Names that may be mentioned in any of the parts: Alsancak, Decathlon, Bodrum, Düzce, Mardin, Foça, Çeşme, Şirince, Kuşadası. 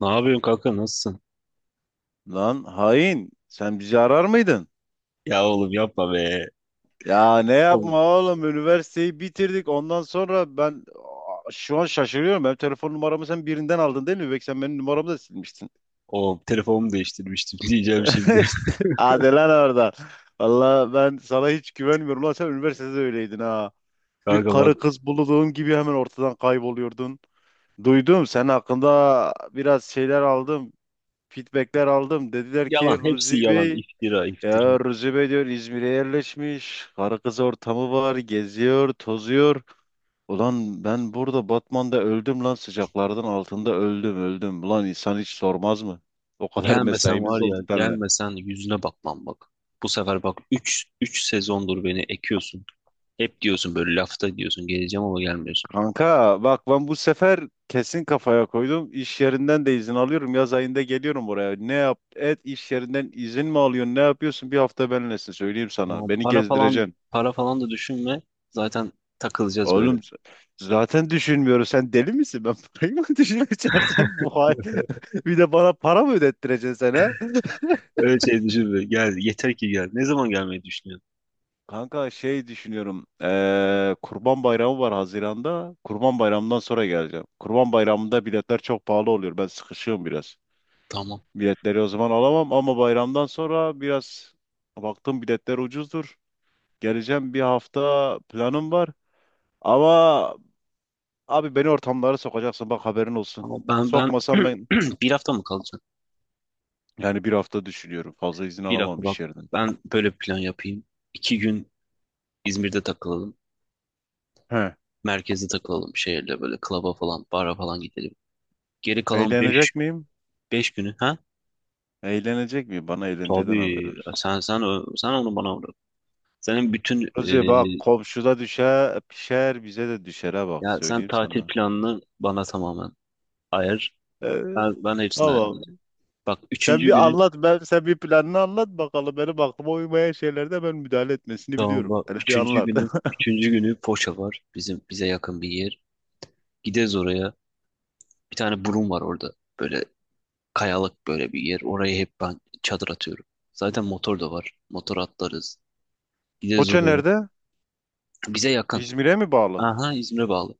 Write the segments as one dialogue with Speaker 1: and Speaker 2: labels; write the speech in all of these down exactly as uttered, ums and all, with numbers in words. Speaker 1: Ne yapıyorsun kanka, nasılsın?
Speaker 2: Lan hain sen bizi arar mıydın?
Speaker 1: Ya oğlum yapma be.
Speaker 2: Ya ne
Speaker 1: Oğlum,
Speaker 2: yapma oğlum üniversiteyi bitirdik ondan sonra ben aa, şu an şaşırıyorum. Benim telefon numaramı sen birinden aldın değil mi? Belki sen benim numaramı da silmiştin.
Speaker 1: oğlum telefonumu değiştirmiştim diyeceğim şimdi.
Speaker 2: Hadi lan orada. Valla ben sana hiç güvenmiyorum lan sen üniversitede öyleydin ha. Bir
Speaker 1: Kanka bak,
Speaker 2: karı kız bulduğun gibi hemen ortadan kayboluyordun. Duydum sen hakkında biraz şeyler aldım. Feedbackler aldım. Dediler ki
Speaker 1: yalan hepsi
Speaker 2: Ruzi
Speaker 1: yalan,
Speaker 2: Bey.
Speaker 1: iftira iftira.
Speaker 2: Ya Recep ediyor İzmir'e yerleşmiş. Karı kız ortamı var. Geziyor, tozuyor. Ulan ben burada Batman'da öldüm lan sıcaklardan altında öldüm öldüm. Ulan insan hiç sormaz mı? O kadar
Speaker 1: Gelmesen var
Speaker 2: mesaimiz oldu
Speaker 1: ya,
Speaker 2: seninle.
Speaker 1: gelmesen yüzüne bakmam bak. Bu sefer bak, üç üç sezondur beni ekiyorsun. Hep diyorsun böyle, lafta diyorsun geleceğim ama gelmiyorsun.
Speaker 2: Kanka bak ben bu sefer kesin kafaya koydum. İş yerinden de izin alıyorum. Yaz ayında geliyorum buraya. Ne yap et iş yerinden izin mi alıyorsun? Ne yapıyorsun? Bir hafta benimlesin söyleyeyim
Speaker 1: Ama
Speaker 2: sana. Beni
Speaker 1: para falan
Speaker 2: gezdireceksin.
Speaker 1: para falan da düşünme. Zaten takılacağız
Speaker 2: Oğlum
Speaker 1: böyle.
Speaker 2: z- zaten düşünmüyorum. Sen deli misin? Ben parayı mı düşüneceğim? Sen bu hal- bir de bana para mı ödettireceksin sen ha?
Speaker 1: Öyle şey düşünme. Gel yeter ki gel. Ne zaman gelmeyi düşünüyorsun?
Speaker 2: Kanka şey düşünüyorum. Eee, Kurban Bayramı var Haziran'da. Kurban Bayramı'ndan sonra geleceğim. Kurban Bayramı'nda biletler çok pahalı oluyor. Ben sıkışığım biraz.
Speaker 1: Tamam.
Speaker 2: Biletleri o zaman alamam ama bayramdan sonra biraz baktım biletler ucuzdur. Geleceğim bir hafta planım var. Ama abi beni ortamlara sokacaksın bak haberin olsun.
Speaker 1: Ama ben ben
Speaker 2: Sokmasan ben.
Speaker 1: bir hafta mı kalacağım?
Speaker 2: Yani bir hafta düşünüyorum. Fazla izin
Speaker 1: Bir
Speaker 2: alamam
Speaker 1: dakika bak.
Speaker 2: iş yerinden.
Speaker 1: Ben böyle bir plan yapayım. İki gün İzmir'de takılalım.
Speaker 2: He.
Speaker 1: Merkezde takılalım, şehirde böyle klaba falan, bara falan gidelim. Geri kalan beş,
Speaker 2: Eğlenecek miyim?
Speaker 1: beş günü ha?
Speaker 2: Eğlenecek miyim? Bana eğlenceden haber
Speaker 1: Tabii,
Speaker 2: ver.
Speaker 1: sen sen ö- sen onu bana bırak. Senin bütün e,
Speaker 2: Kuzi bak komşuda düşer, pişer bize de düşere bak
Speaker 1: ya sen
Speaker 2: söyleyeyim
Speaker 1: tatil
Speaker 2: sana.
Speaker 1: planını bana tamamen ayar.
Speaker 2: Ee,
Speaker 1: Ben, ben hepsini
Speaker 2: tamam.
Speaker 1: ayarlayacağım. Bak
Speaker 2: Sen
Speaker 1: üçüncü
Speaker 2: bir
Speaker 1: günü
Speaker 2: anlat ben sen bir planını anlat bakalım. Benim aklıma uymayan şeylerde ben müdahale etmesini
Speaker 1: tamam
Speaker 2: biliyorum.
Speaker 1: bak
Speaker 2: Hele bir
Speaker 1: üçüncü
Speaker 2: anlat.
Speaker 1: günü üçüncü günü Foça var. Bizim bize yakın bir yer. Gideriz oraya. Bir tane burun var orada. Böyle kayalık böyle bir yer. Oraya hep ben çadır atıyorum. Zaten motor da var. Motor atlarız. Gideriz
Speaker 2: Foça
Speaker 1: oraya.
Speaker 2: nerede?
Speaker 1: Bize yakın.
Speaker 2: İzmir'e mi bağlı?
Speaker 1: Aha, İzmir'e bağlı.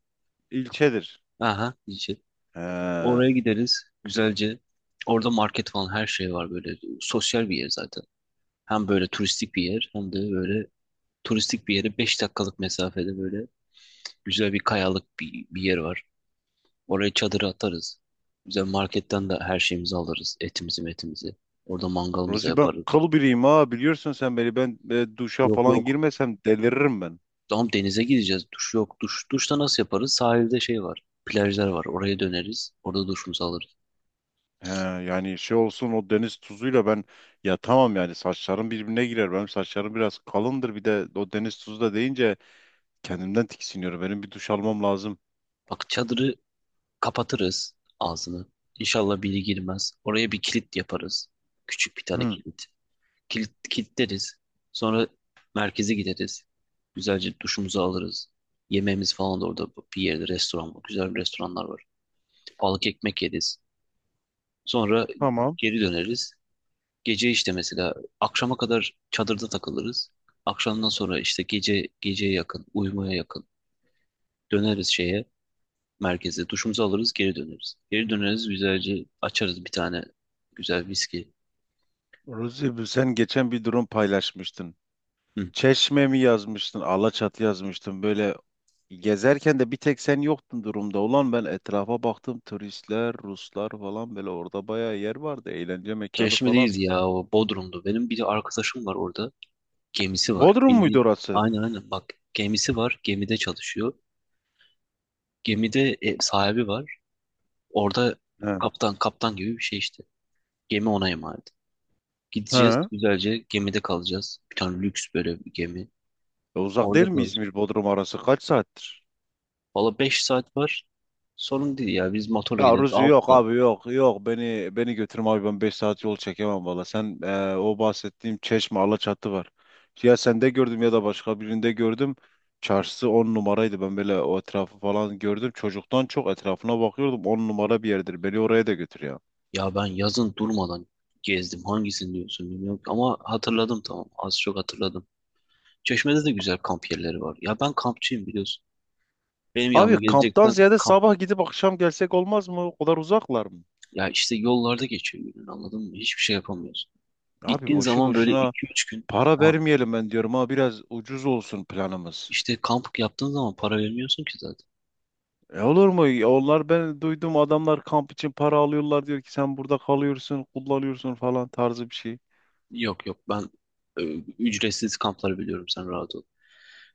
Speaker 2: İlçedir.
Speaker 1: Aha, Düzce.
Speaker 2: He.
Speaker 1: Oraya gideriz. Güzelce. Orada market falan her şey var böyle. Sosyal bir yer zaten. Hem böyle turistik bir yer, hem de böyle turistik bir yere beş dakikalık mesafede böyle güzel bir kayalık bir, bir yer var. Oraya çadırı atarız. Güzel, marketten de her şeyimizi alırız. Etimizi metimizi. Orada mangalımızı
Speaker 2: Rozi ben
Speaker 1: yaparız.
Speaker 2: kıl biriyim ha biliyorsun sen beni ben e, duşa
Speaker 1: Yok,
Speaker 2: falan
Speaker 1: yok.
Speaker 2: girmesem deliririm ben.
Speaker 1: Tamam, denize gideceğiz. Duş yok. Duş, duşta nasıl yaparız? Sahilde şey var. Plajlar var. Oraya döneriz. Orada duşumuzu alırız.
Speaker 2: He, yani şey olsun o deniz tuzuyla ben ya tamam yani saçlarım birbirine girer. Benim saçlarım biraz kalındır bir de o deniz tuzu da deyince kendimden tiksiniyorum. Benim bir duş almam lazım.
Speaker 1: Bak, çadırı kapatırız ağzını. İnşallah biri girmez. Oraya bir kilit yaparız. Küçük bir tane
Speaker 2: Hı,
Speaker 1: kilit. Kilit kilitleriz. Sonra merkeze gideriz. Güzelce duşumuzu alırız. Yemeğimiz falan da orada bir yerde restoran var. Güzel restoranlar var. Balık ekmek yeriz. Sonra
Speaker 2: tamam.
Speaker 1: geri döneriz. Gece işte mesela akşama kadar çadırda takılırız. Akşamdan sonra işte gece, geceye yakın, uyumaya yakın döneriz şeye, merkeze. Duşumuzu alırız, geri döneriz. Geri döneriz güzelce, açarız bir tane güzel viski.
Speaker 2: Ruzi bu- sen geçen bir durum paylaşmıştın.
Speaker 1: Hı.
Speaker 2: Çeşme mi yazmıştın? Alaçatı yazmıştın. Böyle gezerken de bir tek sen yoktun durumda. Ulan ben etrafa baktım turistler, Ruslar falan böyle orada bayağı yer vardı. Eğlence mekanı
Speaker 1: Çeşme
Speaker 2: falan.
Speaker 1: değil ya, o Bodrum'du. Benim bir arkadaşım var orada. Gemisi var.
Speaker 2: Bodrum muydu
Speaker 1: Bildiğin.
Speaker 2: orası?
Speaker 1: Aynen aynen, bak, gemisi var. Gemide çalışıyor. Gemide e, sahibi var. Orada
Speaker 2: He.
Speaker 1: kaptan kaptan gibi bir şey işte. Gemi ona emanet. Gideceğiz
Speaker 2: He.
Speaker 1: güzelce, gemide kalacağız. Bir tane lüks böyle bir gemi.
Speaker 2: E, uzak
Speaker 1: Orada
Speaker 2: değil mi
Speaker 1: kalacağız.
Speaker 2: İzmir Bodrum arası? Kaç saattir?
Speaker 1: Valla beş saat var. Sorun değil ya. Biz motorla
Speaker 2: Ya
Speaker 1: gideriz
Speaker 2: Ruzi
Speaker 1: altı
Speaker 2: yok
Speaker 1: saat.
Speaker 2: abi yok yok beni beni götürme abi ben beş saat yol çekemem valla. Sen e, o bahsettiğim Çeşme Alaçatı var. Ya sende gördüm ya da başka birinde gördüm. Çarşısı on numaraydı ben böyle o etrafı falan gördüm. Çocuktan çok etrafına bakıyordum on numara bir yerdir beni oraya da götür ya.
Speaker 1: Ya ben yazın durmadan gezdim. Hangisini diyorsun bilmiyorum. Ama hatırladım, tamam. Az çok hatırladım. Çeşme'de de güzel kamp yerleri var. Ya ben kampçıyım biliyorsun. Benim yanıma
Speaker 2: Abi kamptan
Speaker 1: gelecekten
Speaker 2: ziyade
Speaker 1: kamp.
Speaker 2: sabah gidip akşam gelsek olmaz mı? O kadar uzaklar mı?
Speaker 1: Ya işte yollarda geçiyor günün, anladın mı? Hiçbir şey yapamıyorsun.
Speaker 2: Abi
Speaker 1: Gittiğin
Speaker 2: boşu
Speaker 1: zaman böyle
Speaker 2: boşuna
Speaker 1: iki üç gün.
Speaker 2: para
Speaker 1: Ya
Speaker 2: vermeyelim ben diyorum ha biraz ucuz olsun planımız.
Speaker 1: işte kamp yaptığın zaman para vermiyorsun ki zaten.
Speaker 2: E olur mu? Ya onlar ben duydum adamlar kamp için para alıyorlar diyor ki sen burada kalıyorsun, kullanıyorsun falan tarzı bir şey.
Speaker 1: Yok yok, ben e, ücretsiz kampları biliyorum, sen rahat ol.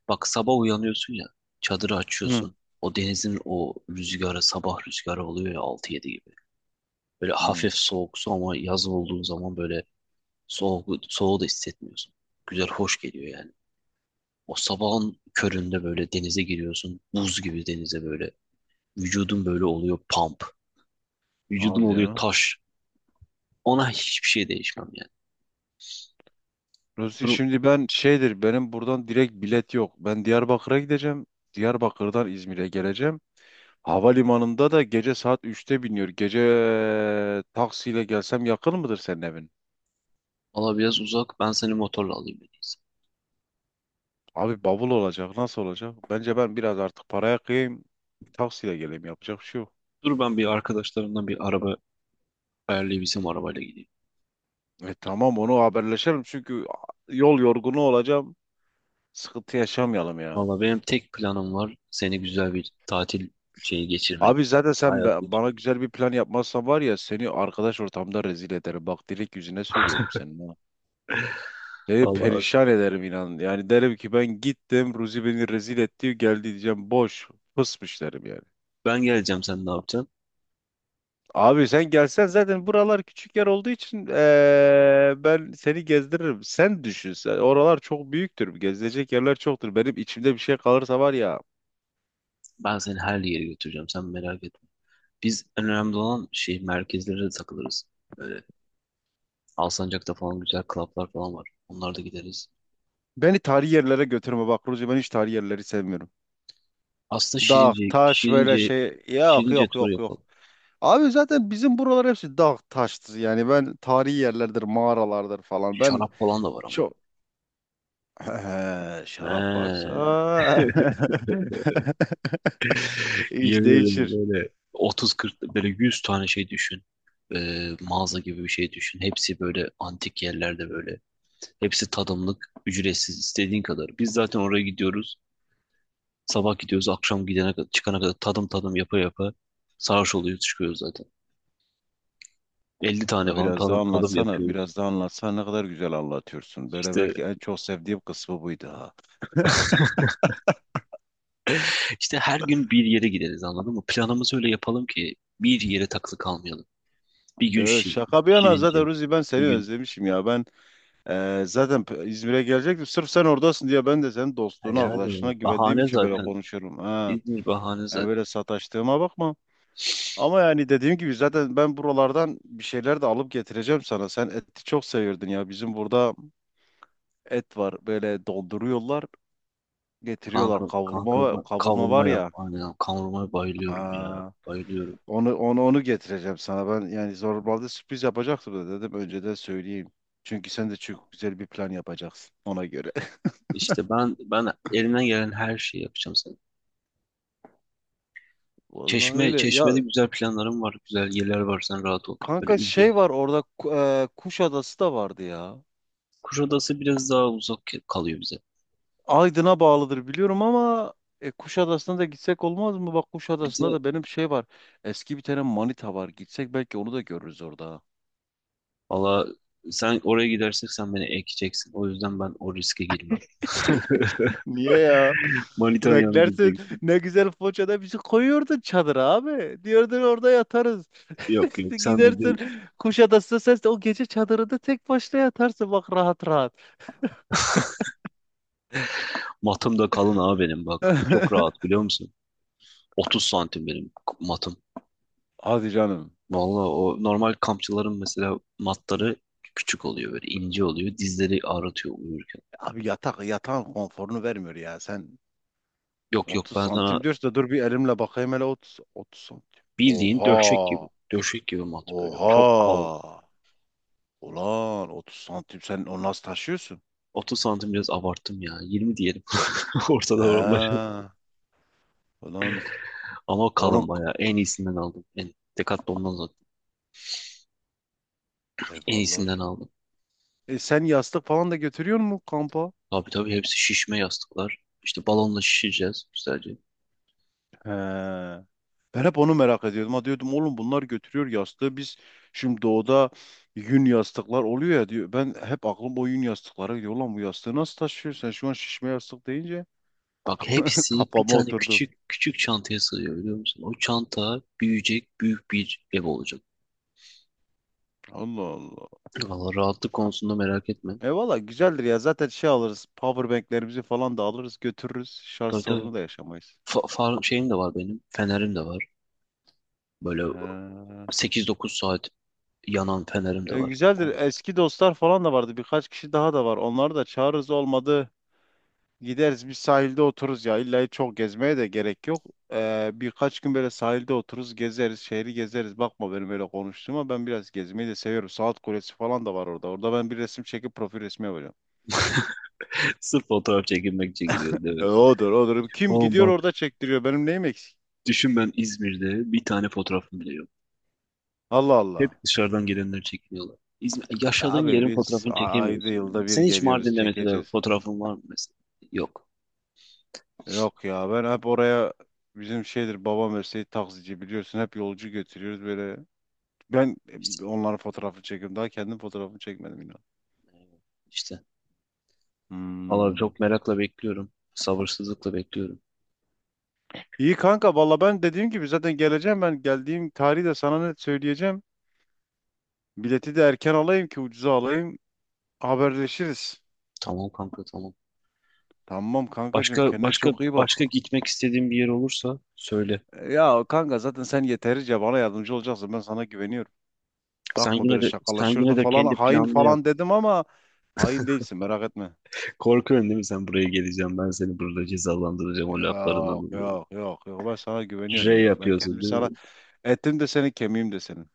Speaker 1: Bak sabah uyanıyorsun ya, çadırı
Speaker 2: Hı.
Speaker 1: açıyorsun. O denizin o rüzgarı, sabah rüzgarı oluyor ya altı yedi gibi. Böyle
Speaker 2: Hı.
Speaker 1: hafif soğuk su, ama yaz olduğun zaman böyle soğuk, soğuğu da hissetmiyorsun. Güzel hoş geliyor yani. O sabahın köründe böyle denize giriyorsun. Buz gibi denize böyle. Vücudun böyle oluyor pump. Vücudun
Speaker 2: Hadi
Speaker 1: oluyor
Speaker 2: ya.
Speaker 1: taş. Ona hiçbir şey değişmem yani.
Speaker 2: Ruzi
Speaker 1: Durum
Speaker 2: şimdi ben şeydir benim buradan direkt bilet yok. Ben Diyarbakır'a gideceğim. Diyarbakır'dan İzmir'e geleceğim. Havalimanında da gece saat üçte biniyor. Gece eee, taksiyle gelsem yakın mıdır senin evin?
Speaker 1: Valla biraz uzak. Ben seni motorla alayım en iyisi.
Speaker 2: Abi bavul olacak. Nasıl olacak? Bence ben biraz artık paraya kıyayım. Taksiyle geleyim. Yapacak bir şey yok.
Speaker 1: Dur ben bir arkadaşlarımdan bir araba ayarlayıp bizim arabayla gideyim.
Speaker 2: E tamam onu haberleşelim çünkü yol yorgunu olacağım. Sıkıntı yaşamayalım ya.
Speaker 1: Valla benim tek planım var, seni güzel bir tatil şeyi geçirmek.
Speaker 2: Abi zaten sen
Speaker 1: Hayat
Speaker 2: be- bana
Speaker 1: geçirmek.
Speaker 2: güzel bir plan yapmazsan var ya seni arkadaş ortamda rezil ederim. Bak direkt yüzüne söylüyorum senin ha. Seni
Speaker 1: Valla
Speaker 2: perişan ederim inan. Yani derim ki ben gittim Ruzi beni rezil etti geldi diyeceğim boş fısmış derim yani.
Speaker 1: ben geleceğim, sen ne yapacaksın?
Speaker 2: Abi sen gelsen zaten buralar küçük yer olduğu için eee, ben seni gezdiririm. Sen düşün sen. Oralar çok büyüktür. Gezilecek yerler çoktur. Benim içimde bir şey kalırsa var ya.
Speaker 1: Ben seni her yere götüreceğim, sen merak etme. Biz en önemli olan şey, merkezlere de takılırız. Böyle Alsancak'ta falan güzel klaplar falan var. Onlara da gideriz.
Speaker 2: Beni tarihi yerlere götürme bak Ruzi ben hiç tarihi yerleri sevmiyorum.
Speaker 1: Aslında
Speaker 2: Dağ,
Speaker 1: Şirince,
Speaker 2: taş böyle
Speaker 1: Şirince,
Speaker 2: şey yok
Speaker 1: Şirince
Speaker 2: yok
Speaker 1: turu
Speaker 2: yok yok.
Speaker 1: yapalım.
Speaker 2: Abi zaten bizim buralar hepsi dağ taştır yani ben tarihi yerlerdir mağaralardır falan ben
Speaker 1: Şarap falan da var ama.
Speaker 2: çok şarap varsa
Speaker 1: He.
Speaker 2: iş
Speaker 1: Yemin ederim
Speaker 2: değişir.
Speaker 1: böyle otuz kırk, böyle yüz tane şey düşün. Ee, mağaza gibi bir şey düşün. Hepsi böyle antik yerlerde böyle. Hepsi tadımlık, ücretsiz, istediğin kadar. Biz zaten oraya gidiyoruz. Sabah gidiyoruz, akşam gidene kadar, çıkana kadar tadım tadım yapa yapa sarhoş oluyoruz, çıkıyoruz zaten. elli tane
Speaker 2: Da
Speaker 1: falan
Speaker 2: biraz daha
Speaker 1: tadım, tadım
Speaker 2: anlatsana
Speaker 1: yapıyoruz.
Speaker 2: biraz daha anlatsana ne kadar güzel anlatıyorsun. Böyle
Speaker 1: İşte
Speaker 2: belki en çok sevdiğim kısmı buydu.
Speaker 1: işte her gün bir yere gideriz, anladın mı? Planımızı öyle yapalım ki bir yere takılı kalmayalım. Bir gün
Speaker 2: Yo,
Speaker 1: Şi-
Speaker 2: şaka bir yana zaten
Speaker 1: Şirince,
Speaker 2: Ruzi ben
Speaker 1: bir
Speaker 2: seni
Speaker 1: gün,
Speaker 2: özlemişim ya. Ben e, zaten p- İzmir'e gelecektim. Sırf sen oradasın diye ben de senin dostluğuna, arkadaşlığına
Speaker 1: yani
Speaker 2: güvendiğim
Speaker 1: bahane
Speaker 2: için böyle
Speaker 1: zaten,
Speaker 2: konuşuyorum. Ha.
Speaker 1: İzmir bahane
Speaker 2: Yani
Speaker 1: zaten.
Speaker 2: böyle sataştığıma bakma. Ama yani dediğim gibi zaten ben buralardan bir şeyler de alıp getireceğim sana. Sen eti çok seviyordun ya. Bizim burada et var. Böyle donduruyorlar, getiriyorlar.
Speaker 1: Kanka, kanka
Speaker 2: Kavurma kavurma
Speaker 1: kavurma
Speaker 2: var
Speaker 1: yap.
Speaker 2: ya.
Speaker 1: Aynen, kavurmaya bayılıyorum ya.
Speaker 2: Aa.
Speaker 1: Bayılıyorum.
Speaker 2: Onu onu onu getireceğim sana. Ben yani zorbalda sürpriz yapacaktım da dedim önceden söyleyeyim. Çünkü sen de çok güzel bir plan yapacaksın ona göre.
Speaker 1: İşte ben ben elimden gelen her şeyi yapacağım sana.
Speaker 2: Vallahi
Speaker 1: Çeşme,
Speaker 2: öyle.
Speaker 1: Çeşme'de
Speaker 2: Ya
Speaker 1: güzel planlarım var. Güzel yerler var, sen rahat ol. Böyle
Speaker 2: kanka şey
Speaker 1: ücret.
Speaker 2: var orada Ku- e, Kuşadası da vardı ya.
Speaker 1: Kuşadası biraz daha uzak kalıyor bize.
Speaker 2: Aydın'a bağlıdır biliyorum ama e, Kuşadası'na da gitsek olmaz mı? Bak
Speaker 1: Bir
Speaker 2: Kuşadası'nda
Speaker 1: de
Speaker 2: da benim şey var. Eski bir tane manita var. Gitsek belki onu da görürüz orada.
Speaker 1: valla, sen oraya gidersek sen beni ekeceksin. O yüzden ben o riske girmem.
Speaker 2: Niye ya?
Speaker 1: Manitan yanına
Speaker 2: Beklersin.
Speaker 1: gideceksin.
Speaker 2: Ne güzel Foça'da bizi koyuyordun çadıra abi. Diyordun orada yatarız.
Speaker 1: Yok yok, sen
Speaker 2: Gidersin
Speaker 1: bizim
Speaker 2: Kuşadası'na sen de o gece çadırında tek başına yatarsın bak rahat rahat.
Speaker 1: matım da kalın abi benim bak. Çok rahat biliyor musun? otuz santim benim matım.
Speaker 2: Hadi canım.
Speaker 1: Vallahi o normal kampçıların mesela matları küçük oluyor, böyle ince oluyor. Dizleri ağrıtıyor uyurken.
Speaker 2: Abi yatak yatağın konforunu vermiyor ya. Sen
Speaker 1: Yok yok,
Speaker 2: otuz
Speaker 1: ben sana
Speaker 2: santim diyorsun da dur bir elimle bakayım hele otuz otuz santim.
Speaker 1: bildiğin döşek gibi.
Speaker 2: Oha!
Speaker 1: Döşek gibi mat böyle. Çok kalın.
Speaker 2: Oha! Ulan otuz santim sen onu nasıl taşıyorsun?
Speaker 1: otuz santim biraz abarttım ya. yirmi diyelim. Ortada oralar.
Speaker 2: Ha, ulan
Speaker 1: Ama
Speaker 2: onu
Speaker 1: kalın bayağı. En iyisinden aldım. En, Decathlon'dan zaten.
Speaker 2: e
Speaker 1: En iyisinden
Speaker 2: vallahi
Speaker 1: aldım.
Speaker 2: e sen yastık falan da götürüyor musun kampa?
Speaker 1: Tabii tabii, hepsi şişme yastıklar. İşte balonla şişeceğiz güzelce.
Speaker 2: He. Ben hep onu merak ediyordum. Ha diyordum oğlum bunlar götürüyor yastığı. Biz şimdi doğuda yün yastıklar oluyor ya diyor. Ben hep aklım o yün yastıklara gidiyor. Ulan bu yastığı nasıl taşıyor? Sen şu an şişme yastık deyince
Speaker 1: Bak hepsi bir
Speaker 2: kafama
Speaker 1: tane
Speaker 2: oturdu.
Speaker 1: küçük küçük çantaya sığıyor, biliyor musun? O çanta büyüyecek, büyük bir ev olacak.
Speaker 2: Allah Allah.
Speaker 1: Valla rahatlık konusunda merak etme.
Speaker 2: E valla güzeldir ya. Zaten şey alırız. Powerbanklerimizi falan da alırız götürürüz. Şarj
Speaker 1: Tabii tabii.
Speaker 2: sorunu da yaşamayız.
Speaker 1: Fa far şeyim de var benim. Fenerim de var. Böyle
Speaker 2: He.
Speaker 1: sekiz dokuz saat yanan fenerim de
Speaker 2: E,
Speaker 1: var.
Speaker 2: güzeldir.
Speaker 1: O-
Speaker 2: Eski dostlar falan da vardı. Birkaç kişi daha da var. Onları da çağırırız olmadı. Gideriz bir sahilde otururuz ya. İlla çok gezmeye de gerek yok. Ee, birkaç gün böyle sahilde otururuz, gezeriz, şehri gezeriz. Bakma benim öyle konuştuğuma ben biraz gezmeyi de seviyorum. Saat Kulesi falan da var orada. Orada ben bir resim çekip profil resmi yapacağım.
Speaker 1: Sırf fotoğraf çekilmek için gidiyor değil mi?
Speaker 2: E, odur odur. Kim
Speaker 1: O
Speaker 2: gidiyor
Speaker 1: bak
Speaker 2: orada çektiriyor. Benim neyim eksik?
Speaker 1: düşün, ben İzmir'de bir tane fotoğrafım bile yok.
Speaker 2: Allah Allah.
Speaker 1: Hep dışarıdan gelenler çekiniyorlar. İzmir, yaşadığın
Speaker 2: Abi
Speaker 1: yerin
Speaker 2: biz
Speaker 1: fotoğrafını
Speaker 2: a- ayda
Speaker 1: çekemiyorsun.
Speaker 2: yılda bir
Speaker 1: Sen hiç
Speaker 2: geliyoruz
Speaker 1: Mardin'de mesela
Speaker 2: çekeceğiz.
Speaker 1: fotoğrafın var mı mesela? Yok.
Speaker 2: Yok ya ben hep oraya bizim şeydir babam mesleği taksici biliyorsun hep yolcu götürüyoruz böyle. Ben
Speaker 1: İşte,
Speaker 2: e, onların fotoğrafını çekiyorum. Daha kendim fotoğrafımı çekmedim yine.
Speaker 1: işte. Valla
Speaker 2: Hmm.
Speaker 1: çok merakla bekliyorum. Sabırsızlıkla bekliyorum.
Speaker 2: İyi kanka valla ben dediğim gibi zaten geleceğim ben geldiğim tarihi de sana net söyleyeceğim. Bileti de erken alayım ki ucuza alayım haberleşiriz.
Speaker 1: Tamam kanka, tamam.
Speaker 2: Tamam kankacığım
Speaker 1: Başka
Speaker 2: kendine
Speaker 1: başka
Speaker 2: çok iyi bak.
Speaker 1: başka gitmek istediğin bir yer olursa söyle.
Speaker 2: Ya kanka zaten sen yeterince bana yardımcı olacaksın ben sana güveniyorum.
Speaker 1: Sen
Speaker 2: Bakma
Speaker 1: yine
Speaker 2: böyle
Speaker 1: de sen
Speaker 2: şakalaşırdın
Speaker 1: yine de
Speaker 2: falan
Speaker 1: kendi
Speaker 2: hain
Speaker 1: planını yap.
Speaker 2: falan dedim ama hain değilsin merak etme.
Speaker 1: Korkuyorsun değil mi, sen buraya geleceğim ben seni burada cezalandıracağım o
Speaker 2: Yok
Speaker 1: laflarından dolayı.
Speaker 2: yok yok yok ben sana güveniyorum
Speaker 1: R
Speaker 2: ya. Ben
Speaker 1: yapıyorsun
Speaker 2: kendimi
Speaker 1: değil
Speaker 2: sana
Speaker 1: mi?
Speaker 2: ettim de senin kemiğim de senin.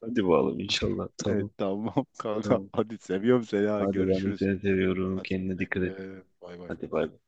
Speaker 1: Hadi bakalım inşallah.
Speaker 2: Evet
Speaker 1: Tamam,
Speaker 2: tamam kanka
Speaker 1: tamam.
Speaker 2: hadi seviyorum seni ha
Speaker 1: Hadi ben de
Speaker 2: görüşürüz.
Speaker 1: seni seviyorum.
Speaker 2: Hadi
Speaker 1: Kendine
Speaker 2: güle
Speaker 1: dikkat et.
Speaker 2: güle. Bay bay.
Speaker 1: Hadi bay bay.